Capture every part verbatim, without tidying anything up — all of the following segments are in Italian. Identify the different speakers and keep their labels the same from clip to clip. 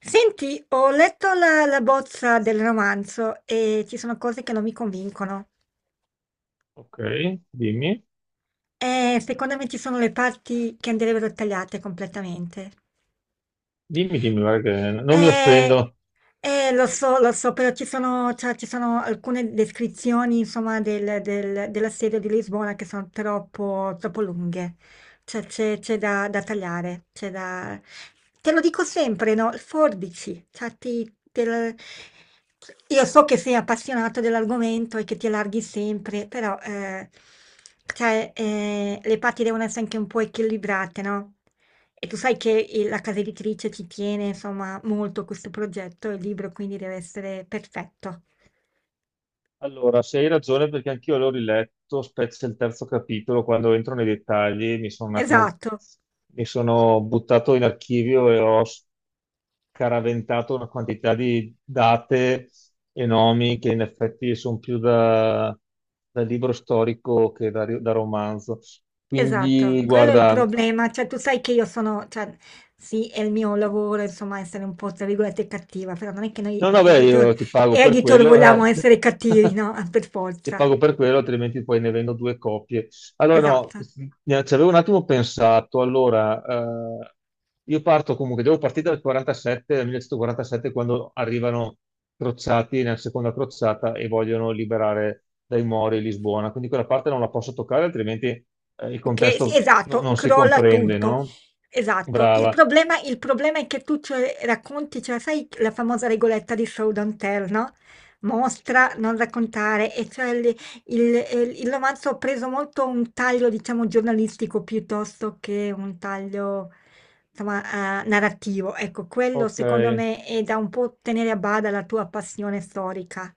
Speaker 1: Senti, ho letto la, la bozza del romanzo e ci sono cose che non mi convincono.
Speaker 2: Ok, dimmi,
Speaker 1: E secondo me ci sono le parti che andrebbero tagliate completamente.
Speaker 2: dimmi, dimmi, guarda che non mi
Speaker 1: Eh,
Speaker 2: offendo.
Speaker 1: eh, Lo so, lo so, però ci sono, cioè, ci sono alcune descrizioni, insomma, del- del- dell'assedio di Lisbona che sono troppo, troppo lunghe. Cioè, c'è c'è da, da tagliare, c'è da... Te lo dico sempre, no? Forbici, cioè, ti- te lo- Io so che sei appassionato dell'argomento e che ti allarghi sempre, però, eh, cioè, eh, le parti devono essere anche un po' equilibrate, no? E tu sai che il- la casa editrice ci tiene, insomma, molto a questo progetto, il libro quindi deve essere perfetto.
Speaker 2: Allora, se hai ragione, perché anch'io l'ho riletto, specie il terzo capitolo, quando entro nei dettagli, mi sono un attimo,
Speaker 1: Esatto,
Speaker 2: mi sono buttato in archivio e ho scaraventato una quantità di date e nomi che in effetti sono più da, da libro storico che da, da romanzo.
Speaker 1: esatto.
Speaker 2: Quindi,
Speaker 1: Quello è il
Speaker 2: guarda,
Speaker 1: problema. Cioè, tu sai che io sono, cioè, sì, è il mio lavoro, insomma, essere un po', tra virgolette, cattiva, però non è che noi
Speaker 2: no, no, beh,
Speaker 1: editor,
Speaker 2: io ti pago per
Speaker 1: editor
Speaker 2: quello,
Speaker 1: vogliamo
Speaker 2: eh.
Speaker 1: essere cattivi, no? Per
Speaker 2: Ti
Speaker 1: forza.
Speaker 2: pago per quello, altrimenti poi ne vendo due copie. Allora, no,
Speaker 1: Esatto.
Speaker 2: ne- ci avevo un attimo pensato. Allora, eh, io parto comunque, devo partire dal quarantasette, dal millenovecentoquarantasette, quando arrivano crociati nella seconda crociata e vogliono liberare dai Mori Lisbona. Quindi quella parte non la posso toccare, altrimenti eh, il
Speaker 1: Ok, sì,
Speaker 2: contesto no-
Speaker 1: esatto,
Speaker 2: non si
Speaker 1: crolla
Speaker 2: comprende,
Speaker 1: tutto.
Speaker 2: no?
Speaker 1: Esatto. Il
Speaker 2: Brava.
Speaker 1: problema, il problema è che tu cioè, racconti, cioè, sai la famosa regoletta di Showdown Tell, no? Mostra, non raccontare, e cioè il, il- eh, il romanzo ha preso molto un taglio, diciamo, giornalistico piuttosto che un taglio, insomma, eh, narrativo. Ecco, quello
Speaker 2: Ok.
Speaker 1: secondo me è da un po' tenere a bada la tua passione storica.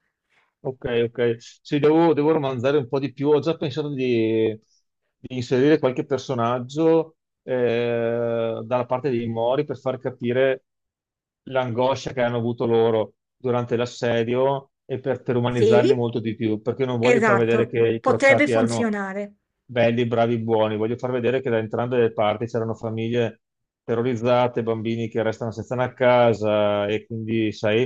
Speaker 2: Ok, ok. Sì, devo, devo romanzare un po' di più. Ho già pensato di, di inserire qualche personaggio eh, dalla parte dei Mori per far capire l'angoscia che hanno avuto loro durante l'assedio e per, per umanizzarli
Speaker 1: Sì,
Speaker 2: molto di più, perché non voglio far vedere
Speaker 1: esatto,
Speaker 2: che i
Speaker 1: potrebbe
Speaker 2: crociati erano
Speaker 1: funzionare,
Speaker 2: belli, bravi, buoni. Voglio far vedere che da entrambe le parti c'erano famiglie terrorizzate, bambini che restano senza una casa e quindi, sai,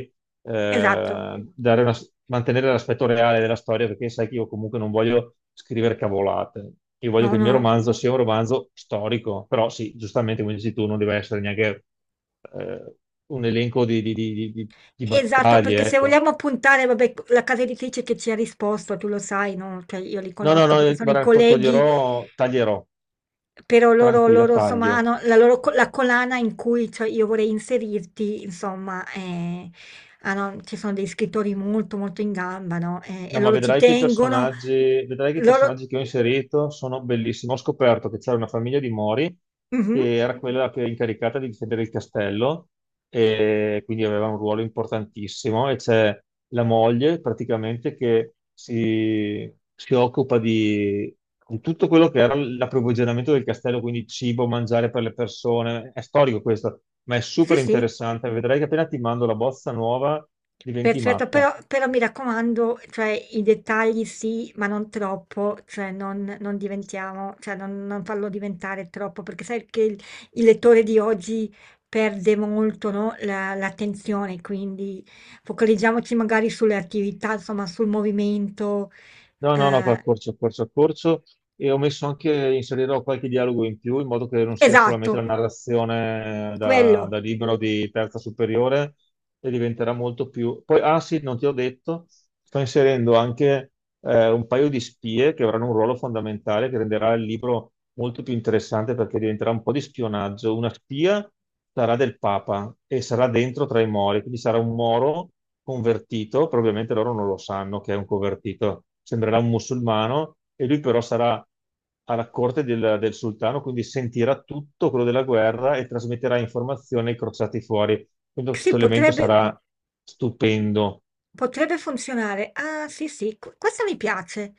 Speaker 1: esatto.
Speaker 2: eh, dare una- mantenere l'aspetto reale della storia perché sai che io comunque non voglio scrivere cavolate. Io voglio
Speaker 1: No,
Speaker 2: che il mio
Speaker 1: no.
Speaker 2: romanzo sia un romanzo storico, però sì, giustamente come dici tu, non deve essere neanche eh, un elenco di, di- di- di- di di
Speaker 1: Esatto, perché
Speaker 2: battaglie,
Speaker 1: se
Speaker 2: ecco.
Speaker 1: vogliamo puntare, vabbè, la casa editrice che ci ha risposto, tu lo sai, no? Cioè, io li
Speaker 2: No, no,
Speaker 1: conosco
Speaker 2: no,
Speaker 1: perché sono i
Speaker 2: guarda, to-
Speaker 1: colleghi,
Speaker 2: toglierò, taglierò,
Speaker 1: però loro,
Speaker 2: tranquilla,
Speaker 1: loro, insomma,
Speaker 2: taglio.
Speaker 1: hanno la loro co- la collana in cui cioè, io vorrei inserirti, insomma, eh, hanno- ci sono dei scrittori molto, molto in gamba, no? Eh, e
Speaker 2: No, ma
Speaker 1: loro ci
Speaker 2: vedrai che i
Speaker 1: tengono,
Speaker 2: personaggi, vedrai che i
Speaker 1: loro...
Speaker 2: personaggi che ho inserito sono bellissimi. Ho scoperto che c'era una famiglia di Mori
Speaker 1: Mhm.
Speaker 2: che era quella che era incaricata di difendere il castello e quindi aveva un ruolo importantissimo. E c'è la moglie praticamente che si, si occupa di, di tutto quello che era l'approvvigionamento del castello, quindi cibo, mangiare per le persone. È storico questo, ma è
Speaker 1: Sì,
Speaker 2: super
Speaker 1: sì.
Speaker 2: interessante. Vedrai che appena ti mando la bozza nuova diventi
Speaker 1: Perfetto,
Speaker 2: matta.
Speaker 1: però, però mi raccomando, cioè, i dettagli sì, ma non troppo, cioè, non, non diventiamo, cioè, non, non farlo diventare troppo, perché sai che il, il lettore di oggi perde molto, no, la- l'attenzione, quindi focalizziamoci magari sulle attività, insomma, sul movimento.
Speaker 2: No, no, no,
Speaker 1: eh,
Speaker 2: accorcio, accorcio, accorcio. E ho messo anche, inserirò qualche dialogo in più in modo che non sia solamente la
Speaker 1: esatto,
Speaker 2: narrazione
Speaker 1: quello.
Speaker 2: da, da libro di terza superiore e diventerà molto più... Poi, ah sì, non ti ho detto, sto inserendo anche eh, un paio di spie che avranno un ruolo fondamentale che renderà il libro molto più interessante perché diventerà un po' di spionaggio. Una spia sarà del Papa e sarà dentro tra i Mori, quindi sarà un Moro convertito, probabilmente loro non lo sanno che è un convertito, sembrerà un musulmano e lui però sarà alla corte del, del sultano, quindi sentirà tutto quello della guerra e trasmetterà informazioni ai crociati fuori. Quindi questo
Speaker 1: Sì,
Speaker 2: elemento
Speaker 1: potrebbe.
Speaker 2: sarà stupendo.
Speaker 1: Potrebbe funzionare. Ah, sì, sì, qu- questa mi piace.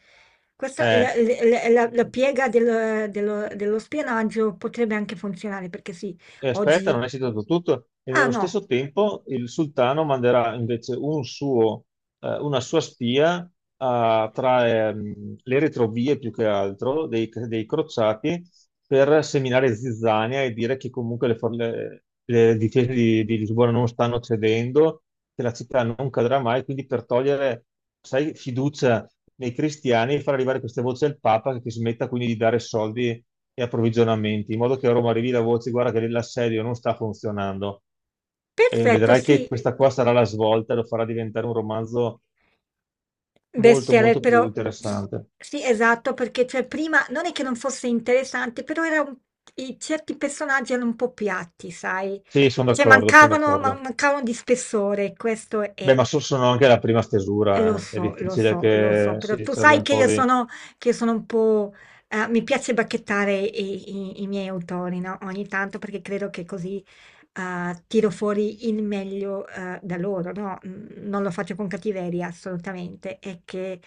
Speaker 1: Questa,
Speaker 2: Eh,
Speaker 1: la, la- la- la piega del- dello, dello spionaggio potrebbe anche funzionare perché sì,
Speaker 2: E aspetta,
Speaker 1: oggi...
Speaker 2: non è citato tutto. E
Speaker 1: Ah,
Speaker 2: nello
Speaker 1: no,
Speaker 2: stesso tempo il sultano manderà invece un suo, eh, una sua spia a- tra ehm, le retrovie più che altro dei, dei crociati per seminare zizzania e dire che comunque le, for- le- le difese di, di Lisbona non stanno cedendo, che la città non cadrà mai, quindi per togliere, sai, fiducia nei cristiani e far arrivare queste voci al Papa che smetta quindi di dare soldi e approvvigionamenti, in modo che a Roma arrivi la voce, guarda che l'assedio non sta funzionando. E
Speaker 1: perfetto,
Speaker 2: vedrai che
Speaker 1: sì,
Speaker 2: questa qua sarà la svolta, lo farà diventare un romanzo molto,
Speaker 1: bestseller,
Speaker 2: molto più
Speaker 1: però...
Speaker 2: interessante.
Speaker 1: Sì, esatto, perché cioè, prima non è che non fosse interessante, però era un- i certi personaggi erano un po' piatti, sai?
Speaker 2: Sì, sono
Speaker 1: Cioè
Speaker 2: d'accordo, sono
Speaker 1: mancavano, man-
Speaker 2: d'accordo.
Speaker 1: mancavano di spessore, questo
Speaker 2: Beh,
Speaker 1: è.
Speaker 2: ma so- sono anche la prima
Speaker 1: Eh, Lo
Speaker 2: stesura, eh. È
Speaker 1: so, lo
Speaker 2: difficile
Speaker 1: so, lo so,
Speaker 2: che
Speaker 1: però
Speaker 2: si
Speaker 1: tu
Speaker 2: serve
Speaker 1: sai
Speaker 2: un
Speaker 1: che
Speaker 2: po'
Speaker 1: io
Speaker 2: di...
Speaker 1: sono, che io sono un po'... eh, mi piace bacchettare i, i- i miei autori, no? Ogni tanto perché credo che così eh, tiro fuori il meglio eh, da loro, no? Mm, Non lo faccio con cattiveria, assolutamente. È che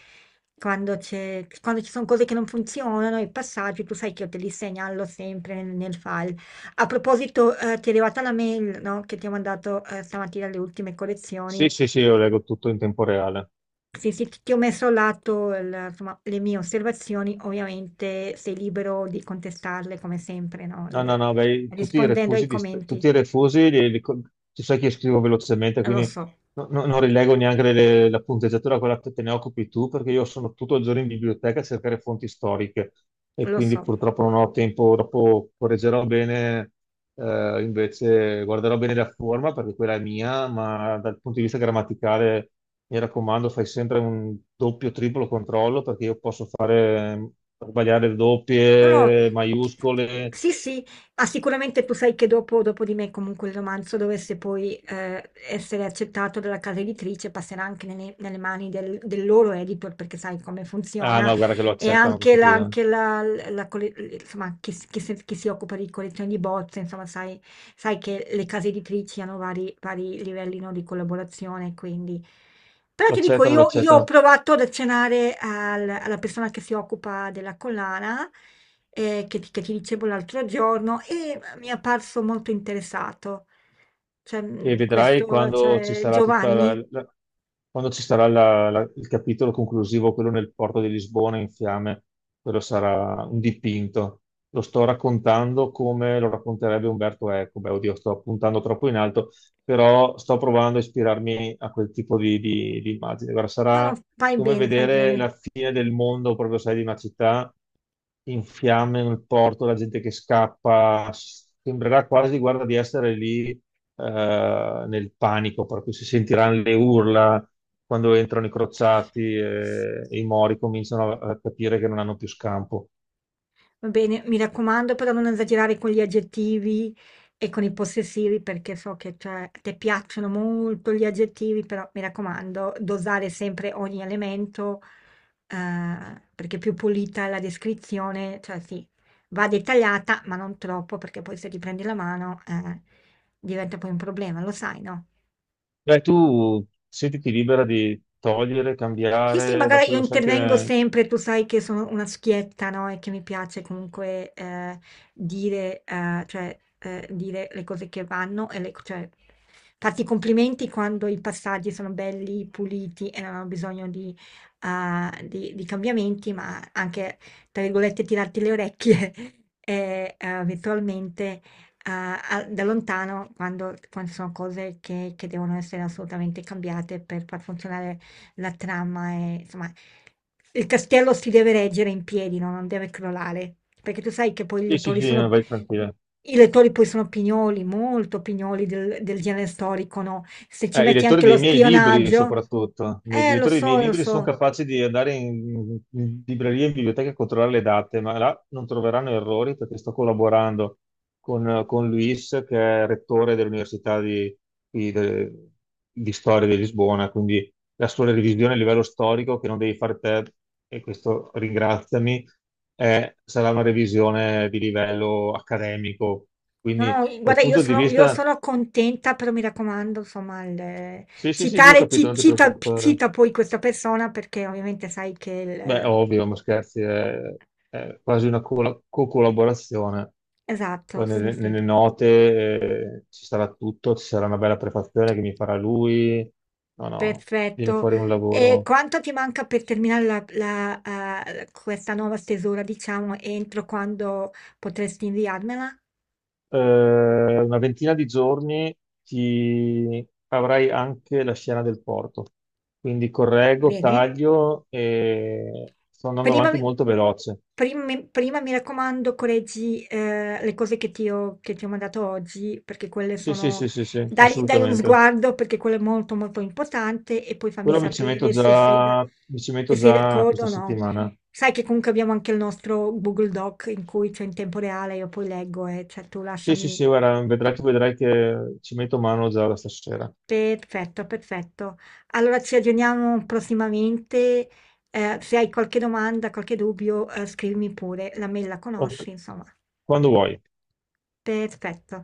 Speaker 1: quando c'è, quando ci sono cose che non funzionano, i passaggi, tu sai che io te li segnalo sempre nel, nel file. A proposito, eh, ti è arrivata la mail, no? Che ti ho mandato eh, stamattina le ultime
Speaker 2: Sì,
Speaker 1: collezioni.
Speaker 2: sì, sì, io leggo tutto in tempo reale.
Speaker 1: Sì, sì, ti ti ho messo a lato il- insomma, le mie osservazioni, ovviamente sei libero di contestarle come sempre, no?
Speaker 2: No,
Speaker 1: Il-
Speaker 2: no, no, beh, tutti i
Speaker 1: rispondendo ai
Speaker 2: refusi, di st- tutti
Speaker 1: commenti.
Speaker 2: i refusi li- li co- tu sai che io scrivo velocemente,
Speaker 1: Eh, Lo
Speaker 2: quindi
Speaker 1: so,
Speaker 2: no- no- non rilego neanche le- la punteggiatura, quella che te ne occupi tu, perché io sono tutto il giorno in biblioteca a cercare fonti storiche e
Speaker 1: lo
Speaker 2: quindi
Speaker 1: so.
Speaker 2: purtroppo non ho tempo, dopo correggerò bene, eh, invece guarderò bene la forma perché quella è mia, ma dal punto di vista grammaticale mi raccomando, fai sempre un doppio, triplo controllo perché io posso fare, sbagliare
Speaker 1: No, no,
Speaker 2: doppie, maiuscole.
Speaker 1: sì, sì, ah, sicuramente tu sai che dopo, dopo di me comunque il romanzo dovesse poi eh, essere accettato dalla casa editrice, passerà anche nelle, nelle mani del del loro editor, perché sai come
Speaker 2: Ah
Speaker 1: funziona.
Speaker 2: no, guarda che lo
Speaker 1: E
Speaker 2: accettano
Speaker 1: anche
Speaker 2: questo
Speaker 1: la,
Speaker 2: qui, eh.
Speaker 1: anche la, la colle- insomma, chi, si- chi si chi si occupa di collezioni di bozze, insomma, sai, sai che le case editrici hanno vari, vari livelli, no, di collaborazione, quindi... Però
Speaker 2: Lo
Speaker 1: ti dico,
Speaker 2: accettano, lo
Speaker 1: io, io ho
Speaker 2: accettano.
Speaker 1: provato ad accennare al- alla persona che si occupa della collana, eh, che, ti che ti dicevo l'altro giorno, e mi è apparso molto interessato. Cioè,
Speaker 2: E
Speaker 1: mh,
Speaker 2: vedrai
Speaker 1: questo,
Speaker 2: quando ci
Speaker 1: cioè,
Speaker 2: sarà tutta la-
Speaker 1: Giovanni.
Speaker 2: la- quando ci sarà la- la- il capitolo conclusivo, quello nel porto di Lisbona in fiamme, quello sarà un dipinto. Lo sto raccontando come lo racconterebbe Umberto Eco. Beh, oddio, sto puntando troppo in alto, però sto provando a ispirarmi a quel tipo di, di- di immagine. Guarda,
Speaker 1: No, no,
Speaker 2: sarà
Speaker 1: fai
Speaker 2: come
Speaker 1: bene, fai
Speaker 2: vedere
Speaker 1: bene.
Speaker 2: la fine del mondo, proprio sai, di una città in fiamme nel porto, la gente che scappa. Sembrerà quasi, guarda, di essere lì eh, nel panico, per cui si sentiranno le urla quando entrano i crociati e, e i mori cominciano a, a capire che non hanno più scampo.
Speaker 1: Va bene, mi raccomando, però non esagerare con gli aggettivi e con i possessivi, perché so che cioè, a te piacciono molto gli aggettivi, però mi raccomando, dosare sempre ogni elemento, eh, perché più pulita è la descrizione, cioè sì, va dettagliata, ma non troppo, perché poi se ti prendi la mano, eh, diventa poi un problema, lo sai, no?
Speaker 2: Beh, tu sentiti libera di togliere,
Speaker 1: Sì, sì,
Speaker 2: cambiare,
Speaker 1: magari
Speaker 2: dopo
Speaker 1: io
Speaker 2: lo sai
Speaker 1: intervengo
Speaker 2: che...
Speaker 1: sempre, tu sai che sono una schietta, no? E che mi piace comunque eh, dire, eh, cioè, eh, dire le cose che vanno, e le- cioè, farti i complimenti quando i passaggi sono belli, puliti e non hanno bisogno di, eh, di- di cambiamenti, ma anche, tra virgolette, tirarti le orecchie eh, eh, virtualmente eh, a- da lontano quando, quando sono cose che, che devono essere assolutamente cambiate per far funzionare la trama è, insomma, il castello si deve reggere in piedi, no? Non deve crollare, perché tu sai che poi i
Speaker 2: Sì, sì,
Speaker 1: lettori
Speaker 2: sì,
Speaker 1: sono,
Speaker 2: vai tranquilla.
Speaker 1: i lettori poi sono pignoli, molto pignoli del, del genere storico, no? Se ci
Speaker 2: Eh, i
Speaker 1: metti
Speaker 2: lettori
Speaker 1: anche lo
Speaker 2: dei miei libri,
Speaker 1: spionaggio,
Speaker 2: soprattutto, i miei- i
Speaker 1: eh, lo
Speaker 2: lettori dei miei
Speaker 1: so, lo
Speaker 2: libri sono
Speaker 1: so.
Speaker 2: capaci di andare in, in libreria e in biblioteca a controllare le date, ma là non troveranno errori perché sto collaborando con, con Luis, che è rettore dell'Università di, di- de- di Storia di Lisbona, quindi la sua revisione a livello storico, che non devi fare te, e questo ringraziami, eh, sarà una revisione di livello accademico.
Speaker 1: No,
Speaker 2: Quindi
Speaker 1: no,
Speaker 2: dal
Speaker 1: guarda, io
Speaker 2: punto di
Speaker 1: sono, io
Speaker 2: vista...
Speaker 1: sono contenta, però mi raccomando, insomma, il-
Speaker 2: Sì, sì, sì, sì, ho
Speaker 1: citare,
Speaker 2: capito,
Speaker 1: ci-
Speaker 2: non ti
Speaker 1: cita,
Speaker 2: preoccupare.
Speaker 1: cita poi questa persona perché ovviamente sai che
Speaker 2: Beh,
Speaker 1: il,
Speaker 2: ovvio, ma scherzi, è, è quasi una cola- co-collaborazione.
Speaker 1: Esatto,
Speaker 2: Poi
Speaker 1: sì,
Speaker 2: nelle,
Speaker 1: sì.
Speaker 2: nelle note eh, ci sarà tutto, ci sarà una bella prefazione che mi farà lui. No, no, viene
Speaker 1: Perfetto.
Speaker 2: fuori un
Speaker 1: E
Speaker 2: lavoro.
Speaker 1: quanto ti manca per terminare la- la, eh, questa nuova stesura, diciamo, entro quando potresti inviarmela?
Speaker 2: Eh, una ventina di giorni ti avrai anche la scena del porto. Quindi correggo,
Speaker 1: Bene?
Speaker 2: taglio e sto andando
Speaker 1: Prima
Speaker 2: avanti
Speaker 1: mi
Speaker 2: molto veloce.
Speaker 1: prim mi prima mi raccomando correggi, ehm, le cose che ti ho che ti ho mandato oggi, perché quelle
Speaker 2: Sì, sì,
Speaker 1: sono
Speaker 2: sì, sì, sì,
Speaker 1: dai dai un
Speaker 2: assolutamente.
Speaker 1: sguardo perché quello è molto, molto importante e poi fammi
Speaker 2: Quello mi ci metto
Speaker 1: sapere se sei da
Speaker 2: già, mi ci
Speaker 1: se
Speaker 2: metto
Speaker 1: sei
Speaker 2: già
Speaker 1: d'accordo
Speaker 2: questa
Speaker 1: o no.
Speaker 2: settimana.
Speaker 1: Sai che comunque abbiamo anche il nostro Google Doc in cui cioè in tempo reale io poi leggo e cioè tu
Speaker 2: Sì, sì,
Speaker 1: lasciami.
Speaker 2: sì, guarda, vedrai, tu vedrai che ci metto mano già da stasera.
Speaker 1: Perfetto, perfetto. Allora ci aggiorniamo prossimamente. eh, se hai qualche domanda, qualche dubbio, eh, scrivimi pure. La mail la
Speaker 2: Ok,
Speaker 1: conosci, insomma.
Speaker 2: quando vuoi.
Speaker 1: Perfetto.